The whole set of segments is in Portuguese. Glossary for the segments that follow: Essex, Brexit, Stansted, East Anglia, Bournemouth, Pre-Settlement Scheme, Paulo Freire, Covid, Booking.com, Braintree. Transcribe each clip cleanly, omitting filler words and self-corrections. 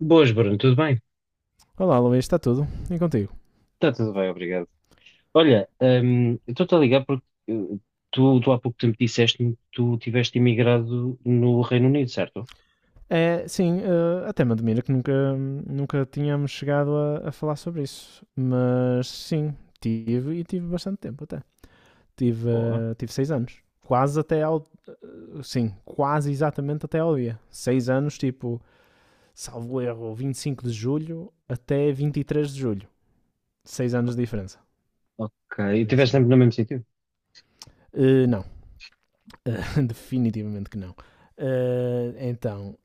Boas, Bruno, tudo bem? Olá, Luís, está tudo? E contigo? Está tudo bem, obrigado. Olha, eu estou-te a ligar porque tu há pouco tempo disseste-me que tu tiveste imigrado no Reino Unido, certo? É, sim, até me admira que nunca tínhamos chegado a falar sobre isso. Mas sim, tive bastante tempo até. Tive, Boa, eh, tive 6 anos. Quase até ao. Eh, Sim, quase exatamente até ao dia. 6 anos, tipo, salvo erro, 25 de julho até 23 de julho. 6 anos de diferença. ok. E Por estiveste isso. sempre no mesmo sítio? Não. Definitivamente que não. Então,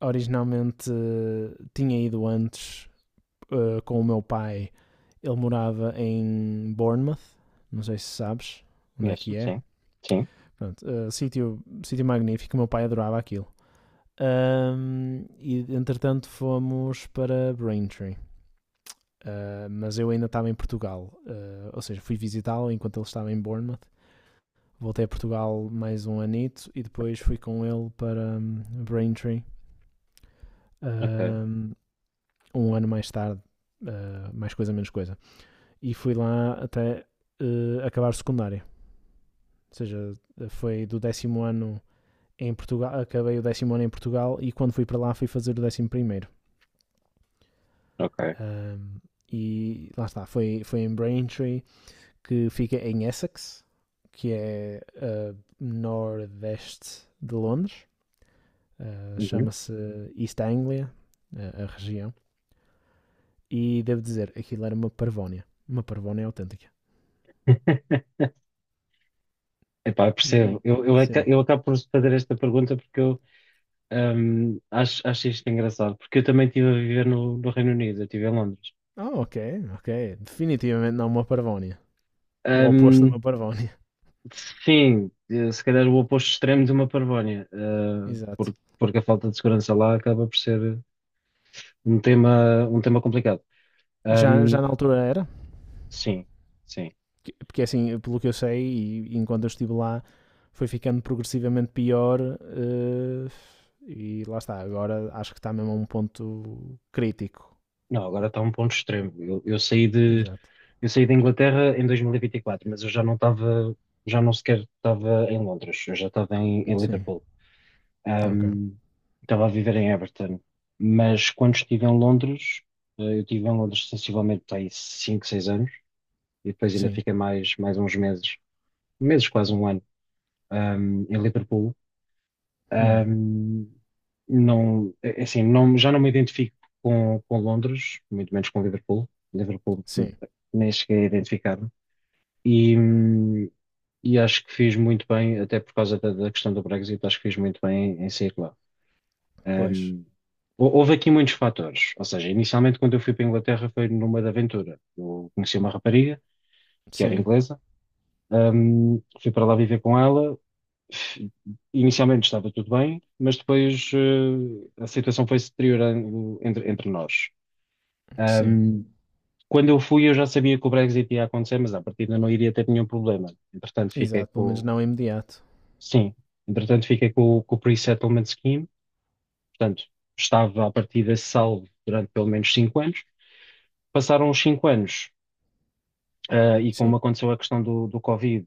originalmente tinha ido antes com o meu pai. Ele morava em Bournemouth, não sei se sabes onde é Conheço, que é. sim, sim, Pronto, sítio magnífico, meu pai adorava aquilo. E entretanto fomos para Braintree. Ah, mas eu ainda estava em Portugal. Ah, ou seja, fui visitá-lo enquanto ele estava em Bournemouth. Voltei a Portugal mais um anito e depois fui com ele para Braintree. ok, Ahm, Um ano mais tarde, mais coisa, menos coisa. E fui lá até acabar secundária. Ou seja, foi do 10.º ano em Portugal, acabei o 10.º ano em Portugal e quando fui para lá fui fazer o 11.º. ok. Ahm, e lá está, foi em Braintree, que fica em Essex, que é nordeste de Londres. Ah, Uhum. chama-se East Anglia, a região. E devo dizer, aquilo era uma parvónia. Uma parvónia autêntica. Epá, eu percebo. Hum, Sim. Eu acabo por fazer esta pergunta porque eu acho isto engraçado, porque eu também estive a viver no Reino Unido, eu estive em Londres. Ah, ok, ok. Definitivamente não uma parvónia. O oposto de Hum, uma parvónia. Sim, se calhar o oposto extremo de uma parvónia, Exato. Porque a falta de segurança lá acaba por ser um tema complicado. Já, Ahm, já na altura era? sim, sim. Porque assim, pelo que eu sei, e enquanto eu estive lá, foi ficando progressivamente pior. E lá está, agora acho que está mesmo a um ponto crítico. Não, agora está um ponto extremo. Exato. Eu saí da Inglaterra em 2024, mas eu já não estava, já não sequer estava em Londres, eu já estava em, em Sim. Liverpool. Ok. Ahm, estava a viver em Everton, mas quando estive em Londres, eu estive em Londres sensivelmente há 5 6 anos, e depois ainda Sim. fiquei mais uns meses, meses, quase um ano, em Liverpool. Hum. Ahm, não, assim, não, já não me identifico com Londres, muito menos com Liverpool. Liverpool Sim. nem cheguei a identificar-me. E, hum, e acho que fiz muito bem, até por causa da questão do Brexit. Acho que fiz muito bem em, em sair lá. Pois. Ahm, houve aqui muitos fatores. Ou seja, inicialmente quando eu fui para a Inglaterra foi numa de aventura. Eu conheci uma rapariga que era Sim. inglesa. Um, fui para lá viver com ela. Inicialmente estava tudo bem, mas depois a situação foi se deteriorando entre nós. Sim. Um, quando eu fui, eu já sabia que o Brexit ia acontecer, mas à partida não iria ter nenhum problema. Entretanto, fiquei Exato. Pelo menos com, não imediato. sim, entretanto, fiquei com o Pre-Settlement Scheme. Portanto, estava à partida salvo durante pelo menos cinco anos. Passaram os cinco anos. Ah, e Sim. como aconteceu a questão do Covid,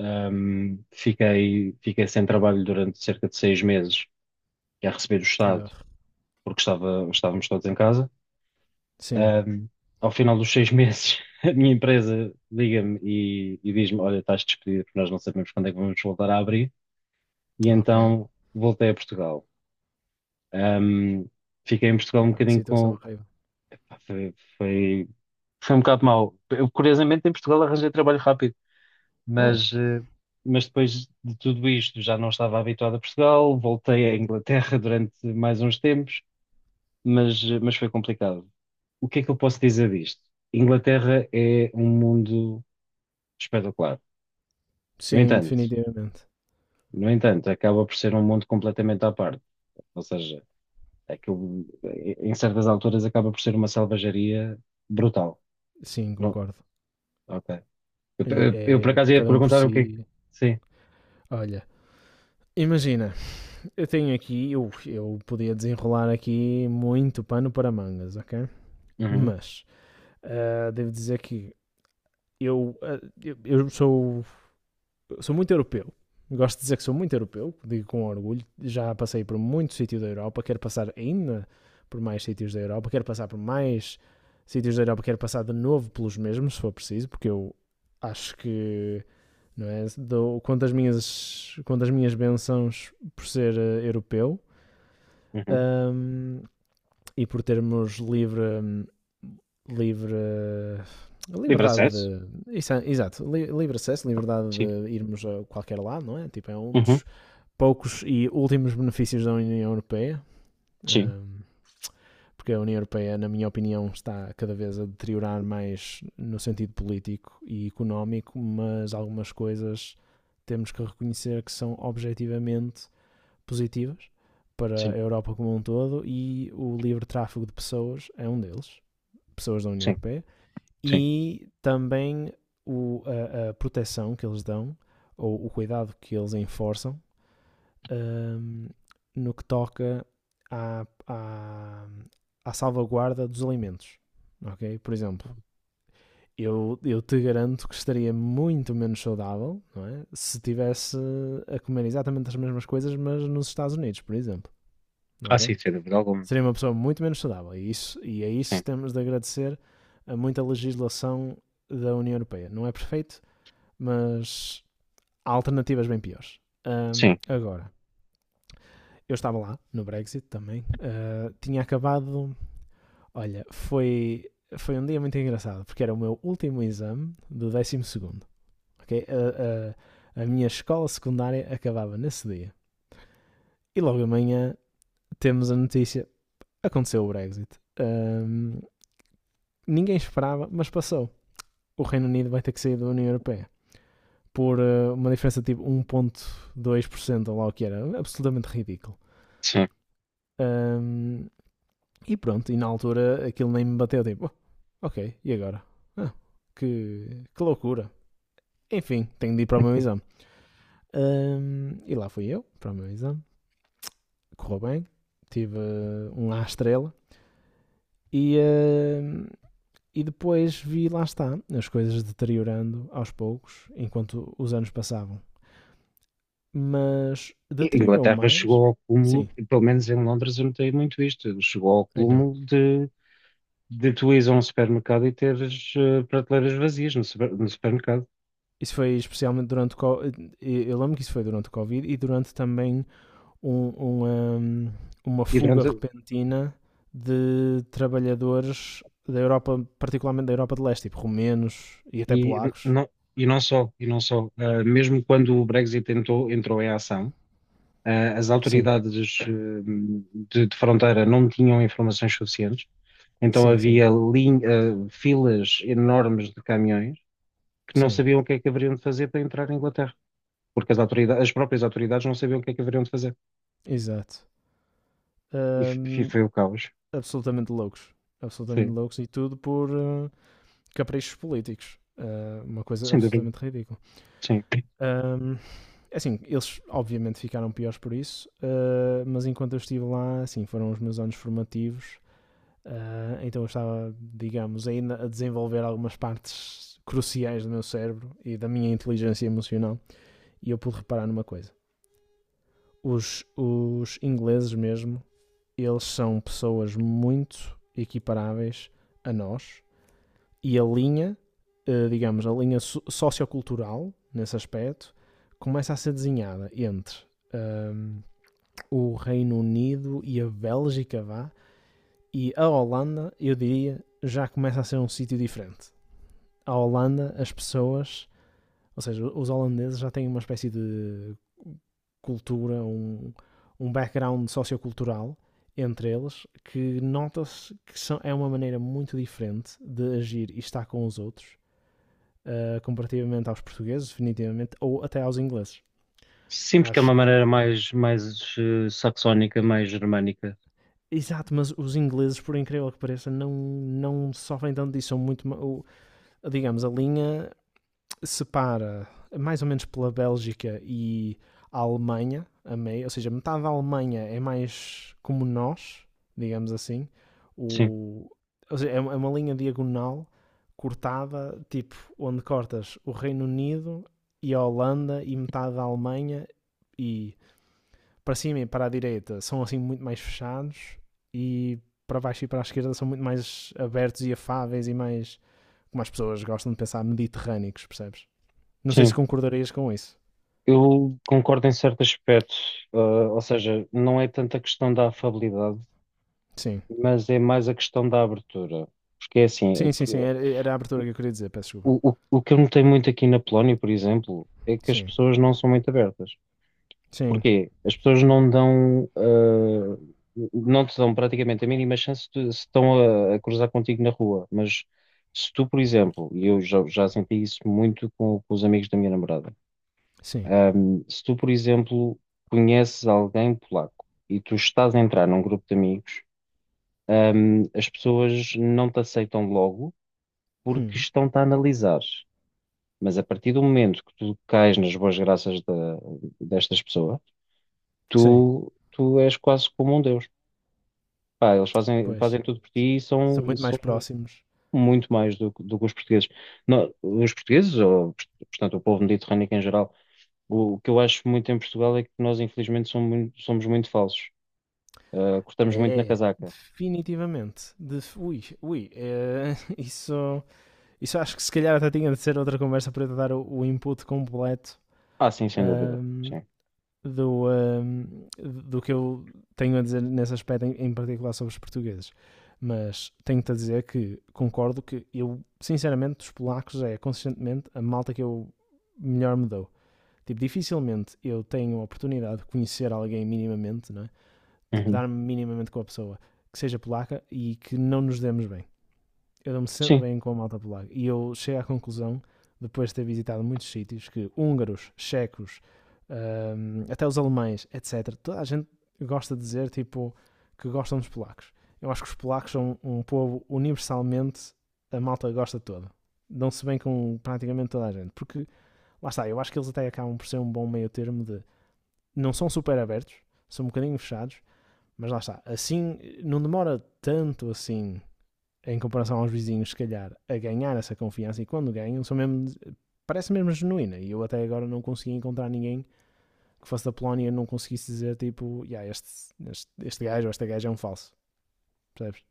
fiquei, fiquei sem trabalho durante cerca de seis meses a receber do Estado, Ah, porque estava, estávamos todos em casa. sim. Ahm, ao final dos seis meses, a minha empresa liga-me e diz-me: "Olha, estás despedido, porque nós não sabemos quando é que vamos voltar a abrir." E Ok. então voltei a Portugal. Ahm, fiquei em Portugal um Epá, que bocadinho situação com. horrível. Pá, foi, foi, foi um bocado mau. Eu, curiosamente, em Portugal arranjei trabalho rápido. Oh, Mas, mas depois de tudo isto já não estava habituado a Portugal, voltei à Inglaterra durante mais uns tempos, mas, mas foi complicado. O que é que eu posso dizer disto? Inglaterra é um mundo espetacular. No sim, entanto, definitivamente. no entanto, acaba por ser um mundo completamente à parte. Ou seja, aquilo, em certas alturas acaba por ser uma selvageria brutal. Sim, Não, concordo. ok. E é Eu, por acaso ia cada um por perguntar o si. que é que... Sim. Olha, imagina, eu tenho aqui, eu podia desenrolar aqui muito pano para mangas, ok? Uhum, Mas devo dizer que eu, ah, eu sou Eu sou muito europeu. Gosto de dizer que sou muito europeu, digo com orgulho. Já passei por muito sítio da Europa, quero passar ainda por mais sítios da Europa, quero passar por mais sítios da Europa, quero passar de novo pelos mesmos, se for preciso, porque eu acho que, não é? Dou, conto, as minhas, Conto as minhas bênçãos por ser europeu, uhum. hum, e por termos livre Livre liberdade acesso? de. Exato, livre acesso, liberdade Sim. de irmos a qualquer lado, não é? Tipo, é um Uhum, dos poucos e últimos benefícios da União Europeia, sim. um, porque a União Europeia, na minha opinião, está cada vez a deteriorar mais no sentido político e económico, mas algumas coisas temos que reconhecer que são objetivamente positivas para a Sim, Europa como um todo, e o livre tráfego de pessoas é um deles, pessoas da União sim, Europeia. sim. E também a proteção que eles dão, ou o cuidado que eles enforçam, hum, no que toca à, à, à salvaguarda dos alimentos. Ok? Por exemplo, eu te garanto que estaria muito menos saudável, não é, se tivesse a comer exatamente as mesmas coisas, mas nos Estados Unidos, por exemplo. Ah, Ok? sim, sem dúvida alguma. Seria uma pessoa muito menos saudável. E, isso, e a isso Sim, temos de agradecer a muita legislação da União Europeia. Não é perfeito, mas há alternativas bem piores. Sim, Agora, eu estava lá no Brexit também. Ah, tinha acabado. Olha, foi um dia muito engraçado, porque era o meu último exame do 12.º. Ok? A minha escola secundária acabava nesse dia. E logo amanhã temos a notícia: aconteceu o Brexit. Ahm, Ninguém esperava, mas passou. O Reino Unido vai ter que sair da União Europeia por uma diferença tipo 1,2% ou lá o que era. Absolutamente ridículo. sim. Ahm, E pronto, e na altura aquilo nem me bateu, tipo, "Oh, ok, e agora? Ah, que loucura. Enfim, tenho de ir para o meu exame." E lá fui eu, para o meu exame. Correu bem, tive um à estrela. E, ahm, e depois vi, lá está, as coisas deteriorando aos poucos, enquanto os anos passavam. Mas deteriorou Inglaterra mais? chegou ao cúmulo, Sim, e pelo menos em Londres eu notei muito isto, chegou ao então. cúmulo de tu ires a um supermercado e teres prateleiras vazias no supermercado. Isso foi especialmente durante o co- Eu lembro que isso foi durante o Covid e durante também um- uma, uma E, fuga durante, repentina de trabalhadores da Europa, particularmente da Europa de Leste, tipo romenos e até polacos. não, e não só, e não só. Ah, mesmo quando o Brexit entrou, entrou em ação, ah, as Sim, autoridades de fronteira não tinham informações suficientes, então sim, sim, havia ah, filas enormes de caminhões que não sim, sabiam o que é que haveriam de fazer para entrar na Inglaterra, porque as autoridades, as próprias autoridades não sabiam o que é que haveriam de fazer. exato. E Hum, foi o caos. Absolutamente loucos, absolutamente Foi, loucos, e tudo por caprichos políticos. Uma coisa sem dúvida. absolutamente ridícula. Sim. Hum, assim, eles obviamente ficaram piores por isso, mas enquanto eu estive lá, assim, foram os meus anos formativos. Ah, então eu estava, digamos, ainda a desenvolver algumas partes cruciais do meu cérebro e da minha inteligência emocional. E eu pude reparar numa coisa: os ingleses, mesmo, eles são pessoas muito equiparáveis a nós, e a linha, digamos, a linha sociocultural nesse aspecto começa a ser desenhada entre ahm, o Reino Unido e a Bélgica, vá, e a Holanda, eu diria, já começa a ser um sítio diferente. À Holanda, as pessoas, ou seja, os holandeses, já têm uma espécie de cultura, um background sociocultural entre eles, que nota-se que são, é uma maneira muito diferente de agir e estar com os outros, comparativamente aos portugueses, definitivamente, ou até aos ingleses. Sim, porque é Acho uma que. maneira mais, mais saxónica, mais germânica. Exato, mas os ingleses, por incrível que pareça, não, não sofrem tanto disso. São muito. Digamos, a linha separa mais ou menos pela Bélgica e a Alemanha, a meio, ou seja, metade da Alemanha é mais como nós, digamos assim. Sim, o, ou seja, é uma linha diagonal cortada, tipo, onde cortas o Reino Unido e a Holanda e metade da Alemanha, e para cima e para a direita são assim muito mais fechados, e para baixo e para a esquerda são muito mais abertos e afáveis e mais, como as pessoas gostam de pensar, mediterrâneos, percebes? Não sei se sim. concordarias com isso. Eu concordo em certo aspecto, ah, ou seja, não é tanto a questão da afabilidade, Sim. mas é mais a questão da abertura. Porque é assim, Sim, sim, sim. Era a abertura que eu queria dizer, peço desculpa. O que eu notei muito aqui na Polónia, por exemplo, é que as Sim. pessoas não são muito abertas. Sim. Porquê? As pessoas não dão, ah, não te dão praticamente a mínima chance de, se estão a cruzar contigo na rua. Mas se tu, por exemplo, e eu já senti isso muito com os amigos da minha namorada, Sim. ah, se tu, por exemplo, conheces alguém polaco e tu estás a entrar num grupo de amigos, ah, as pessoas não te aceitam logo porque Hum. estão-te a analisar. Mas a partir do momento que tu cais nas boas graças destas pessoas, Sim. Tu és quase como um deus. Pá, eles fazem, Pois. fazem tudo por ti e São são, muito mais são próximos. muito mais do que os portugueses. Não, os portugueses, ou, portanto, o povo mediterrâneo em geral, o que eu acho muito em Portugal é que nós, infelizmente, somos muito falsos. Ah, cortamos muito na É, casaca. definitivamente. De, ui, ui. É, isso, isso acho que se calhar até tinha de ser outra conversa para eu te dar o input completo. Ah, sim, sem dúvida. Ahm, Sim. do, hum, do que eu tenho a dizer nesse aspecto, em particular sobre os portugueses. Mas tenho-te a dizer que concordo, que eu, sinceramente, dos polacos é consistentemente a malta que eu melhor me dou. Tipo, dificilmente eu tenho a oportunidade de conhecer alguém minimamente, não é? Tipo, Uhum. dar-me minimamente com a pessoa que seja polaca e que não nos demos bem. Eu dou-me sempre Sim, bem com a malta polaca. E eu chego à conclusão, depois de ter visitado muitos sítios, que húngaros, checos, até os alemães, etc., toda a gente gosta de dizer tipo que gostam dos polacos. Eu acho que os polacos são um povo universalmente, a malta gosta toda. Dão-se bem com praticamente toda a gente. Porque, lá está, eu acho que eles até acabam por ser um bom meio termo de. Não são super abertos, são um bocadinho fechados, mas lá está. Assim, não demora tanto assim, em comparação aos vizinhos, se calhar, a ganhar essa confiança, e quando ganham, são mesmo, parece mesmo genuína. E eu até agora não consegui encontrar ninguém que fosse da Polónia e não conseguisse dizer tipo, yeah, este gajo ou esta gaja é um falso, percebes?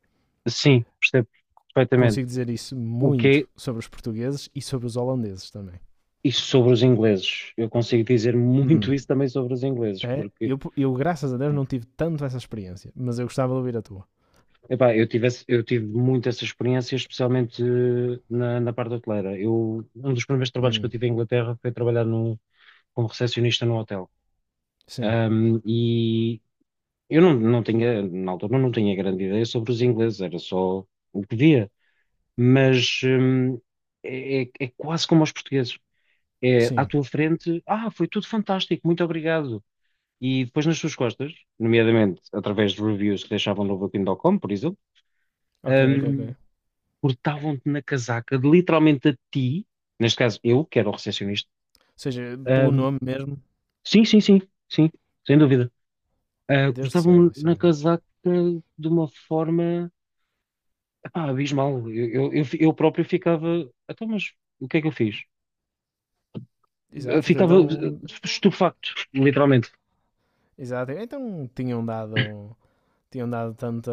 sim, percebo perfeitamente. Consigo dizer isso O que é muito sobre os portugueses e sobre os holandeses também. isso sobre os ingleses? Eu consigo dizer muito Hum. isso também sobre os ingleses, É, porque. eu, graças a Deus, não tive tanto essa experiência, mas eu gostava de ouvir a tua. Epá, eu tive, eu tive muito essa experiência, especialmente na parte hoteleira. Eu, um dos primeiros trabalhos que eu Hum. tive em Inglaterra foi trabalhar no, como recepcionista num hotel. Sim, E eu não, não tinha, na altura, não tinha grande ideia sobre os ingleses, era só o que via. Mas é quase como aos portugueses. É à sim. tua frente, ah, foi tudo fantástico, muito obrigado. E depois nas suas costas, nomeadamente através de reviews que deixavam no Booking.com, por exemplo, Ok, ok, ok. hum, Ou cortavam-te na casaca, de literalmente a ti, neste caso eu, que era o recepcionista, seja, pelo ahm, nome mesmo. sim, sim, sim, sim, sem dúvida. Ah, Deus do céu. cortavam-me Isso na é... casaca de uma forma, epá, abismal. Eu próprio ficava, então, mas o que é que eu fiz? Eu Exato, ficava então. estupefacto, literalmente. Exato. Então tinham dado tanta,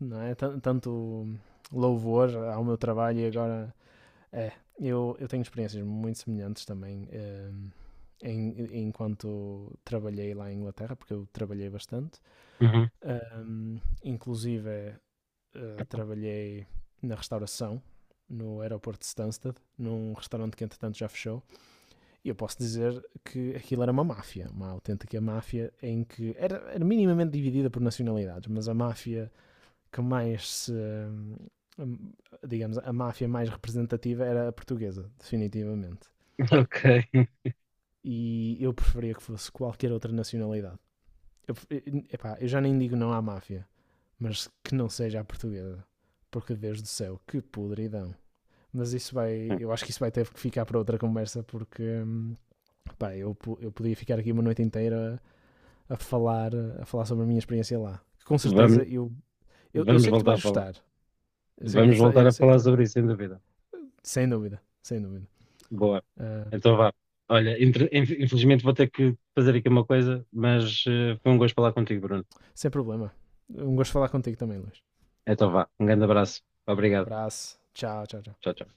não é? Tanto louvor ao meu trabalho e agora é. Eu tenho experiências muito semelhantes também, enquanto trabalhei lá em Inglaterra, porque eu trabalhei bastante. Uhum. Inclusive, trabalhei na restauração, no aeroporto de Stansted, num restaurante que entretanto já fechou. E eu posso dizer que aquilo era uma máfia, uma autêntica máfia, em que era minimamente dividida por nacionalidades, mas a máfia que mais se. Hum, Digamos, a máfia mais representativa era a portuguesa, definitivamente. Ok. E eu preferia que fosse qualquer outra nacionalidade. Eu, Epá, eu já nem digo não à máfia, mas que não seja a portuguesa. Porque, Deus do céu, que podridão. Mas isso vai, eu acho que isso vai ter que ficar para outra conversa, porque pá, eu podia ficar aqui uma noite inteira a falar, a falar sobre a minha experiência lá. Com Vamos, certeza eu vamos sei que tu voltar a vais falar. gostar. Eu sei que, Vamos gostar- voltar eu a sei que falar tu. sobre isso, sem dúvida. Sem dúvida, sem dúvida. Boa. Ah, Então vá. Olha, infelizmente vou ter que fazer aqui uma coisa, mas foi um gosto falar contigo, Bruno. sem problema. Um gosto de falar contigo também, Luís. Então vá. Um grande abraço. Obrigado. Abraço. Tchau, tchau, tchau. Tchau, tchau.